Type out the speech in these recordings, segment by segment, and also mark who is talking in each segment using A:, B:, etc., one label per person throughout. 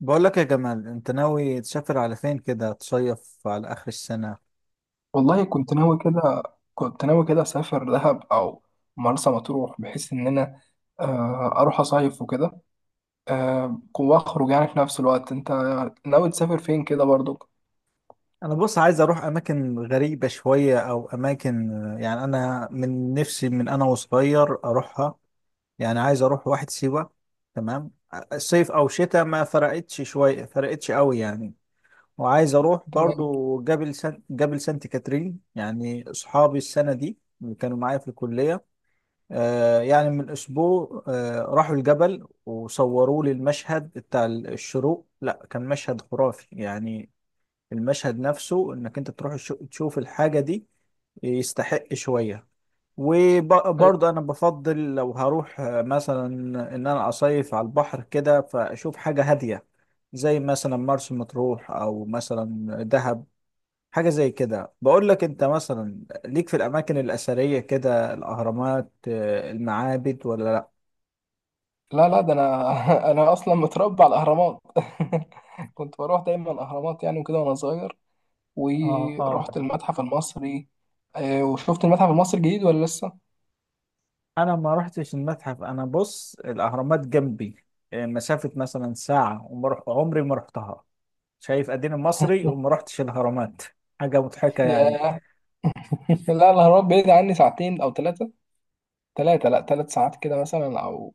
A: بقول لك يا جمال، انت ناوي تسافر على فين كده؟ تصيف على اخر السنة؟
B: والله كنت ناوي كده. كنت ناوي كده أسافر دهب أو مرسى مطروح بحيث إن أنا أروح أصيف وكده. وأخرج يعني في نفس الوقت، أنت ناوي تسافر فين كده برضو؟
A: انا بص عايز اروح اماكن غريبة شوية او اماكن، يعني انا من نفسي، من انا وصغير اروحها. يعني عايز اروح واحد سيوة. تمام. صيف او شتاء، ما فرقتش شوية، فرقتش قوي يعني. وعايز اروح
B: تمام.
A: برضو جبل سانت كاترين، يعني اصحابي السنة دي اللي كانوا معايا في الكلية. يعني من اسبوع، راحوا الجبل وصوروا لي المشهد بتاع الشروق. لا، كان مشهد خرافي يعني. المشهد نفسه، انك انت تروح تشوف الحاجة دي، يستحق شوية.
B: طيب.
A: وبرضه انا بفضل لو هروح، مثلا ان انا اصيف على البحر كده فاشوف حاجة هادية، زي مثلا مرسى مطروح، او مثلا دهب. حاجة زي كده. بقول لك، انت مثلا ليك في الاماكن الاثرية كده، الاهرامات، المعابد، ولا؟
B: لا لا، ده أنا أنا أصلا متربى على الأهرامات. كنت بروح دايما الأهرامات يعني وكده وأنا صغير،
A: اه، اه.
B: ورحت المتحف المصري. وشفت المتحف المصري الجديد ولا لسه؟
A: انا ما رحتش المتحف. انا بص، الاهرامات جنبي، مسافة مثلا ساعة، عمري ما رحتها. شايف؟ اديني مصري وما رحتش الاهرامات. حاجة مضحكة يعني.
B: ياه. لا، الأهرامات بعيد عني ساعتين أو ثلاثة. تلاتة، لا، تلات ساعات كده مثلا، أو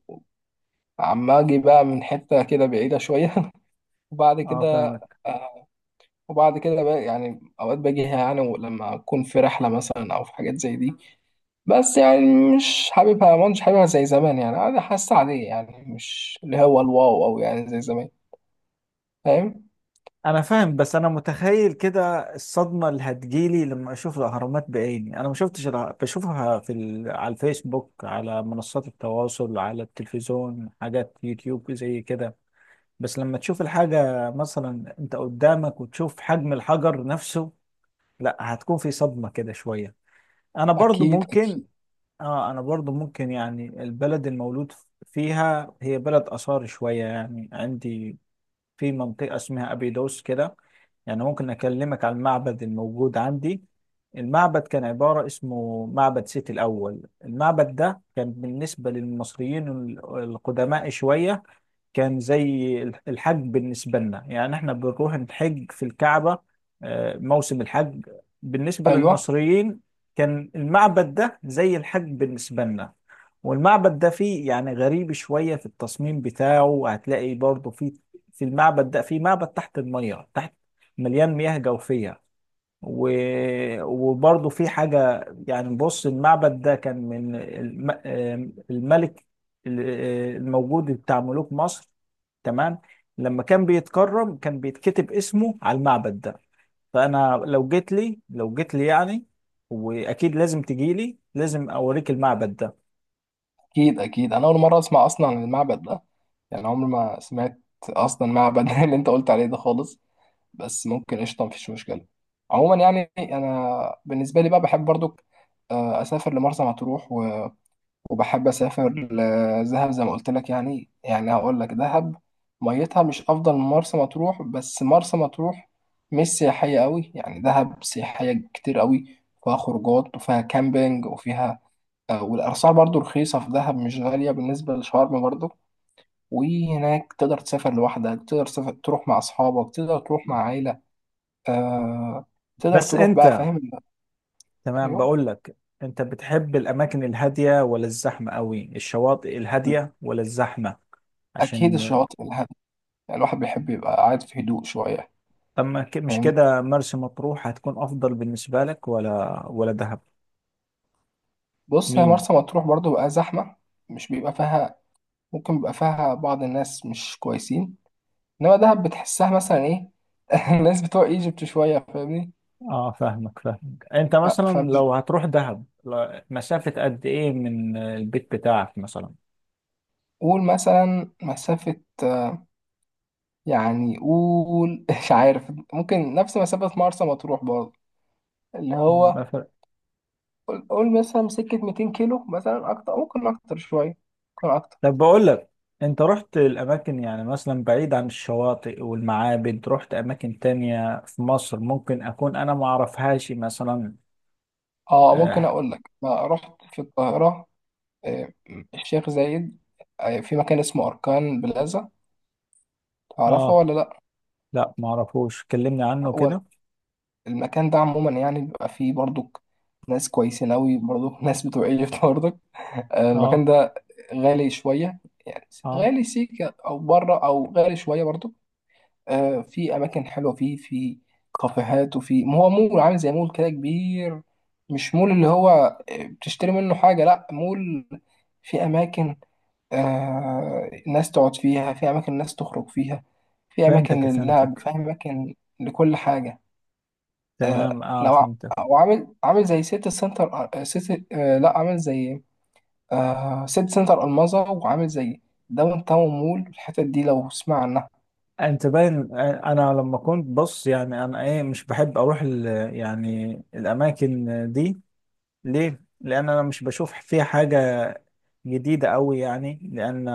B: عم أجي بقى من حتة كده بعيدة شوية. وبعد
A: اه،
B: كده،
A: فاهمك.
B: آه، وبعد كده بقى يعني أوقات باجيها يعني لما أكون في رحلة مثلا أو في حاجات زي دي. بس يعني مش حاببها زي زمان، يعني أنا حاسة عادية يعني، مش اللي هو الواو أو يعني زي زمان. فاهم.
A: انا فاهم، بس انا متخيل كده الصدمة اللي هتجيلي لما اشوف الاهرامات بعيني. انا ما شفتش بشوفها على الفيسبوك، على منصات التواصل، على التلفزيون، حاجات يوتيوب زي كده. بس لما تشوف الحاجة مثلا انت قدامك وتشوف حجم الحجر نفسه، لا، هتكون في صدمة كده شوية. انا برضو
B: أكيد
A: ممكن.
B: أكيد.
A: اه، انا برضو ممكن يعني. البلد المولود فيها هي بلد اثار شوية، يعني عندي في منطقة اسمها ابيدوس كده. يعني ممكن اكلمك عن المعبد الموجود عندي. المعبد كان عبارة، اسمه معبد سيتي الاول. المعبد ده كان بالنسبة للمصريين القدماء شوية، كان زي الحج بالنسبة لنا. يعني احنا بنروح نحج في الكعبة، موسم الحج. بالنسبة
B: أيوه.
A: للمصريين، كان المعبد ده زي الحج بالنسبة لنا. والمعبد ده فيه يعني غريب شوية في التصميم بتاعه، هتلاقي برضه فيه، في المعبد ده فيه معبد تحت المية، تحت، مليان مياه جوفية و... وبرضه في حاجة يعني، بص المعبد ده كان من الم... آم، الملك، ال- الموجود بتاع ملوك مصر. تمام. لما كان بيتكرم، كان بيتكتب اسمه على المعبد ده. فأنا لو جيت لي يعني، وأكيد لازم تجي لي، لازم أوريك المعبد ده.
B: أكيد أكيد، أنا أول مرة أسمع أصلا عن المعبد ده. يعني عمري ما سمعت أصلا معبد اللي أنت قلت عليه ده خالص. بس ممكن، قشطه مفيش مشكله. عموما يعني انا بالنسبه لي بقى بحب برضو، اسافر لمرسى مطروح وبحب اسافر لدهب زي ما قلت لك. يعني يعني هقول لك دهب ميتها مش افضل من مرسى مطروح، بس مرسى مطروح مش سياحيه قوي يعني، دهب سياحيه كتير قوي. فيها خروجات وفيها كامبينج وفيها والاسعار برضو رخيصه في دهب، مش غاليه بالنسبه لشرم برضو. وهناك تقدر تسافر لوحدك، تقدر تسافر تروح مع اصحابك، تقدر تروح مع عيلة. آه. تقدر
A: بس
B: تروح بقى،
A: أنت
B: فاهم.
A: تمام،
B: ايوه.
A: بقول لك، أنت بتحب الأماكن الهادية ولا الزحمة قوي؟ الشواطئ الهادية ولا الزحمة؟
B: اكيد
A: عشان،
B: الشواطئ الهادية، يعني الواحد بيحب يبقى قاعد في هدوء شويه،
A: طب، ما ك- مش
B: فاهمني.
A: كده مرسى مطروح هتكون افضل بالنسبه لك ولا دهب؟
B: بص، هي
A: مين؟
B: مرسى مطروح برضو بقى زحمه. مش بيبقى فيها، ممكن بيبقى فيها بعض الناس مش كويسين. انما دهب بتحسها مثلا ايه، الناس بتوع ايجيبت شويه، فاهمني.
A: اه، فاهمك فاهمك. انت مثلا
B: فمش،
A: لو هتروح دهب، مسافه قد ايه من البيت بتاعك مثلا؟
B: قول مثلا مسافه، يعني قول مش عارف، ممكن نفس مسافه مرسى مطروح برضو. اللي
A: ما
B: هو،
A: فرق.
B: قول قول مثلا سكة 200 كيلو مثلا، أكتر ممكن، أكتر شوية، ممكن أكتر.
A: طب، بقول لك، انت رحت الاماكن يعني مثلا بعيد عن الشواطئ والمعابد؟ رحت اماكن تانية في مصر ممكن اكون انا ما اعرفهاش مثلا؟
B: أه ممكن
A: اه.
B: أقول لك، أنا رحت في القاهرة. آه، الشيخ زايد. في مكان اسمه أركان بلازا، تعرفه
A: آه،
B: ولا لأ؟
A: لا، ما اعرفوش، كلمني عنه
B: هو
A: كده.
B: المكان ده عموما يعني بيبقى فيه برضك ناس كويسين أوي برضك، ناس بتوع إيجيبت برضك. المكان
A: اه،
B: ده غالي شوية يعني،
A: اه،
B: غالي سيكة أو بره، أو غالي شوية برضك. في اماكن حلوه، فيه في كافيهات، وفي ما هو مول عامل زي مول كده كبير. مش مول اللي هو بتشتري منه حاجه، لا مول في اماكن، آه ناس تقعد فيها، في اماكن ناس تخرج فيها، في اماكن
A: فهمتك
B: للعب،
A: فهمتك.
B: في اماكن لكل حاجه.
A: تمام.
B: آه
A: اه، فهمتك.
B: وعامل، عامل زي سيتي سنتر، آه، سيتي آه لا عامل زي، سيتي سنتر الماظة، وعامل زي داون تاون مول. الحتت دي لو تسمع عنها.
A: انت باين، انا لما كنت، بص يعني، انا ايه، مش بحب اروح يعني الاماكن دي. ليه؟ لأن أنا مش بشوف فيها حاجة جديدة أوي، يعني لأن،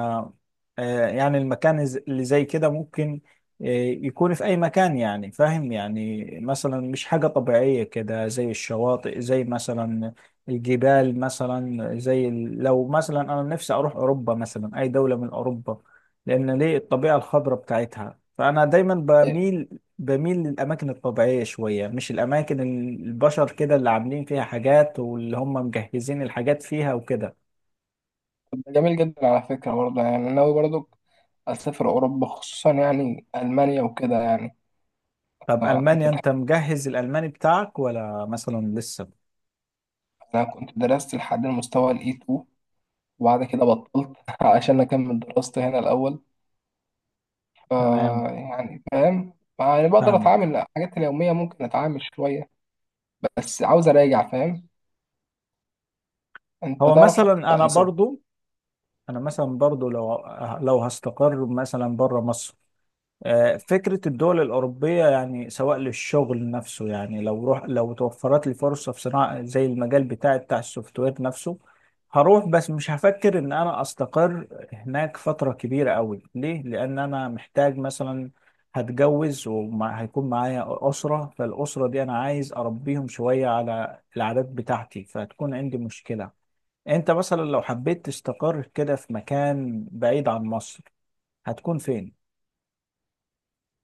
A: يعني المكان اللي زي كده ممكن آه، يكون في أي مكان يعني، فاهم؟ يعني مثلا مش حاجة طبيعية كده زي الشواطئ، زي مثلا الجبال مثلا، زي لو مثلا أنا نفسي أروح أوروبا مثلا، أي دولة من أوروبا، لأن ليه؟ الطبيعة الخضراء بتاعتها. فأنا دايما بميل للأماكن الطبيعية شوية، مش الأماكن البشر كده اللي عاملين فيها حاجات واللي هم مجهزين الحاجات فيها وكده.
B: جميل جدا على فكرة. برضه يعني أنا ناوي برضه أسافر أوروبا، خصوصا يعني ألمانيا وكده يعني.
A: طب
B: آه أنت
A: ألمانيا،
B: تحب.
A: أنت مجهز الألماني بتاعك ولا مثلا لسه؟
B: أنا كنت درست لحد المستوى ال E2، وبعد كده بطلت عشان أكمل دراستي هنا الأول. ف
A: تمام،
B: يعني فاهم، يعني بقدر
A: فاهمك.
B: أتعامل الحاجات اليومية، ممكن أتعامل شوية، بس عاوز أراجع. فاهم. أنت
A: هو
B: تعرف.
A: مثلا أنا
B: للأسف.
A: برضو أنا مثلا برضو لو هستقر مثلا بره مصر، فكرة الدول الأوروبية، يعني سواء للشغل نفسه، يعني لو توفرت لي فرصة في صناعة زي المجال بتاعي بتاع السوفت وير نفسه، هروح، بس مش هفكر إن أنا أستقر هناك فترة كبيرة أوي. ليه؟ لأن أنا محتاج مثلا، هتجوز وهيكون معايا أسرة، فالأسرة دي أنا عايز أربيهم شوية على العادات بتاعتي، فهتكون عندي مشكلة. أنت مثلا لو حبيت تستقر كده في مكان بعيد عن مصر، هتكون فين؟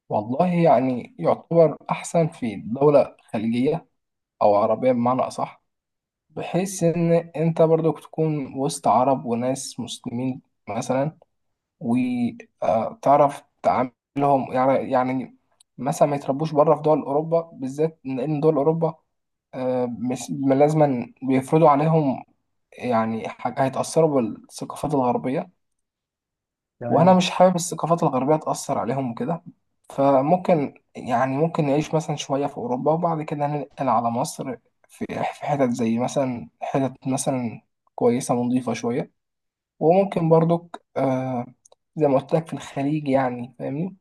B: والله يعني يعتبر أحسن في دولة خليجية، أو عربية بمعنى أصح، بحيث ان انت برضو تكون وسط عرب وناس مسلمين مثلا، وتعرف تعاملهم يعني. يعني مثلا ما يتربوش بره في دول اوروبا بالذات، لان دول اوروبا مش لازما بيفرضوا عليهم يعني حاجة، هيتأثروا بالثقافات الغربية. وانا
A: تمام.
B: مش حابب الثقافات الغربيه تاثر عليهم وكده. فممكن يعني ممكن نعيش مثلا شويه في اوروبا وبعد كده ننقل على مصر، في في حتت زي مثلا، حتت مثلا كويسه ونضيفه شويه. وممكن برضك آه، زي ما قلت لك في الخليج يعني، فاهمني.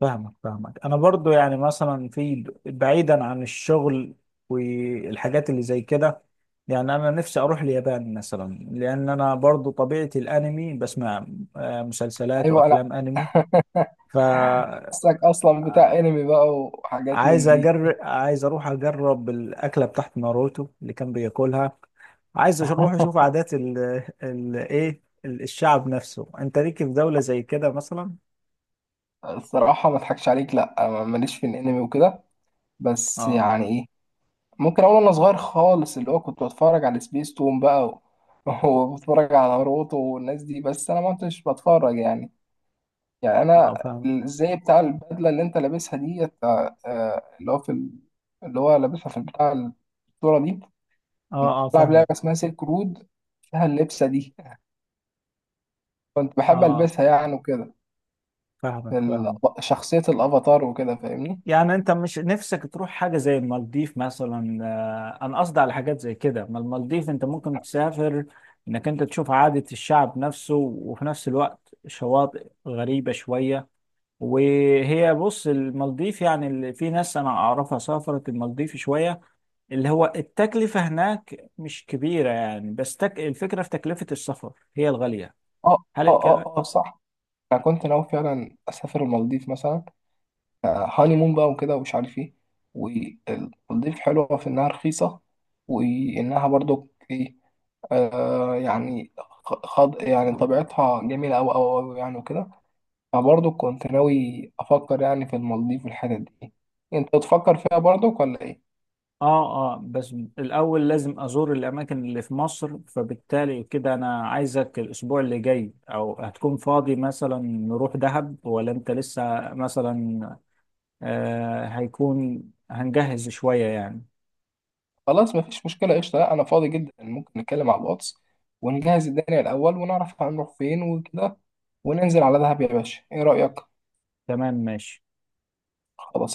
A: فاهمك فاهمك. انا برضو يعني مثلا، في بعيدا عن الشغل والحاجات اللي زي كده، يعني انا نفسي اروح اليابان مثلا، لان انا برضو طبيعتي الانمي، بسمع مسلسلات
B: ايوه. لا
A: وافلام انمي. ف آه،
B: حاسك اصلا بتاع انمي بقى وحاجات من دي.
A: عايز اروح اجرب الاكله بتاعت ناروتو اللي كان بياكلها. عايز اروح اشوف عادات الشعب نفسه. انت ليك في دولة زي كده مثلا؟
B: الصراحه ما اضحكش عليك، لا أنا ماليش في الانمي وكده. بس
A: اه،
B: يعني إيه، ممكن اقول انا صغير خالص اللي هو كنت بتفرج على سبيس تون بقى وبتفرج على روتو والناس دي، بس انا ما كنتش بتفرج يعني. يعني انا،
A: اه، فاهم.
B: الزي بتاع البدله اللي انت لابسها دي، اللي هو في اللي هو لابسها في بتاع الصوره دي.
A: اه،
B: كنت
A: اه،
B: بلعب لعبه
A: فاهمك.
B: اسمها سيلك رود، فيها اللبسه دي. كنت بحب
A: اه،
B: البسها يعني وكده. في
A: فاهمك فاهمك.
B: شخصيه الافاتار وكده، فاهمني.
A: يعني انت مش نفسك تروح حاجة زي المالديف مثلا؟ انا قصدي على حاجات زي كده. ما المالديف انت ممكن تسافر، انك انت تشوف عادة الشعب نفسه وفي نفس الوقت شواطئ غريبة شوية. وهي بص، المالديف يعني، اللي في ناس انا اعرفها سافرت المالديف شوية، اللي هو التكلفة هناك مش كبيرة يعني، بس الفكرة في تكلفة السفر هي الغالية.
B: اه
A: هل
B: اه
A: الك-
B: اه اه صح. انا كنت ناوي فعلا اسافر المالديف مثلا، هاني مون بقى وكده ومش عارف ايه. والمالديف حلوة في إنها رخيصة، وإنها برضو ايه، آه يعني، خض يعني طبيعتها جميلة أوي أوي أوي يعني وكده. فبرضو كنت ناوي أفكر يعني في المالديف والحتت دي. أنت بتفكر فيها برضو ولا إيه؟
A: اه، اه، بس الاول لازم ازور الاماكن اللي في مصر. فبالتالي كده، انا عايزك الاسبوع اللي جاي او هتكون فاضي مثلا نروح دهب، ولا انت لسه مثلا؟ آه هيكون هنجهز شوية يعني.
B: خلاص، مفيش مشكلة، قشطة. لأ، أنا فاضي جدا، ممكن نتكلم على الواتس، ونجهز الدنيا الأول، ونعرف هنروح فين وكده، وننزل على دهب يا باشا، إيه رأيك؟
A: تمام، ماشي.
B: خلاص.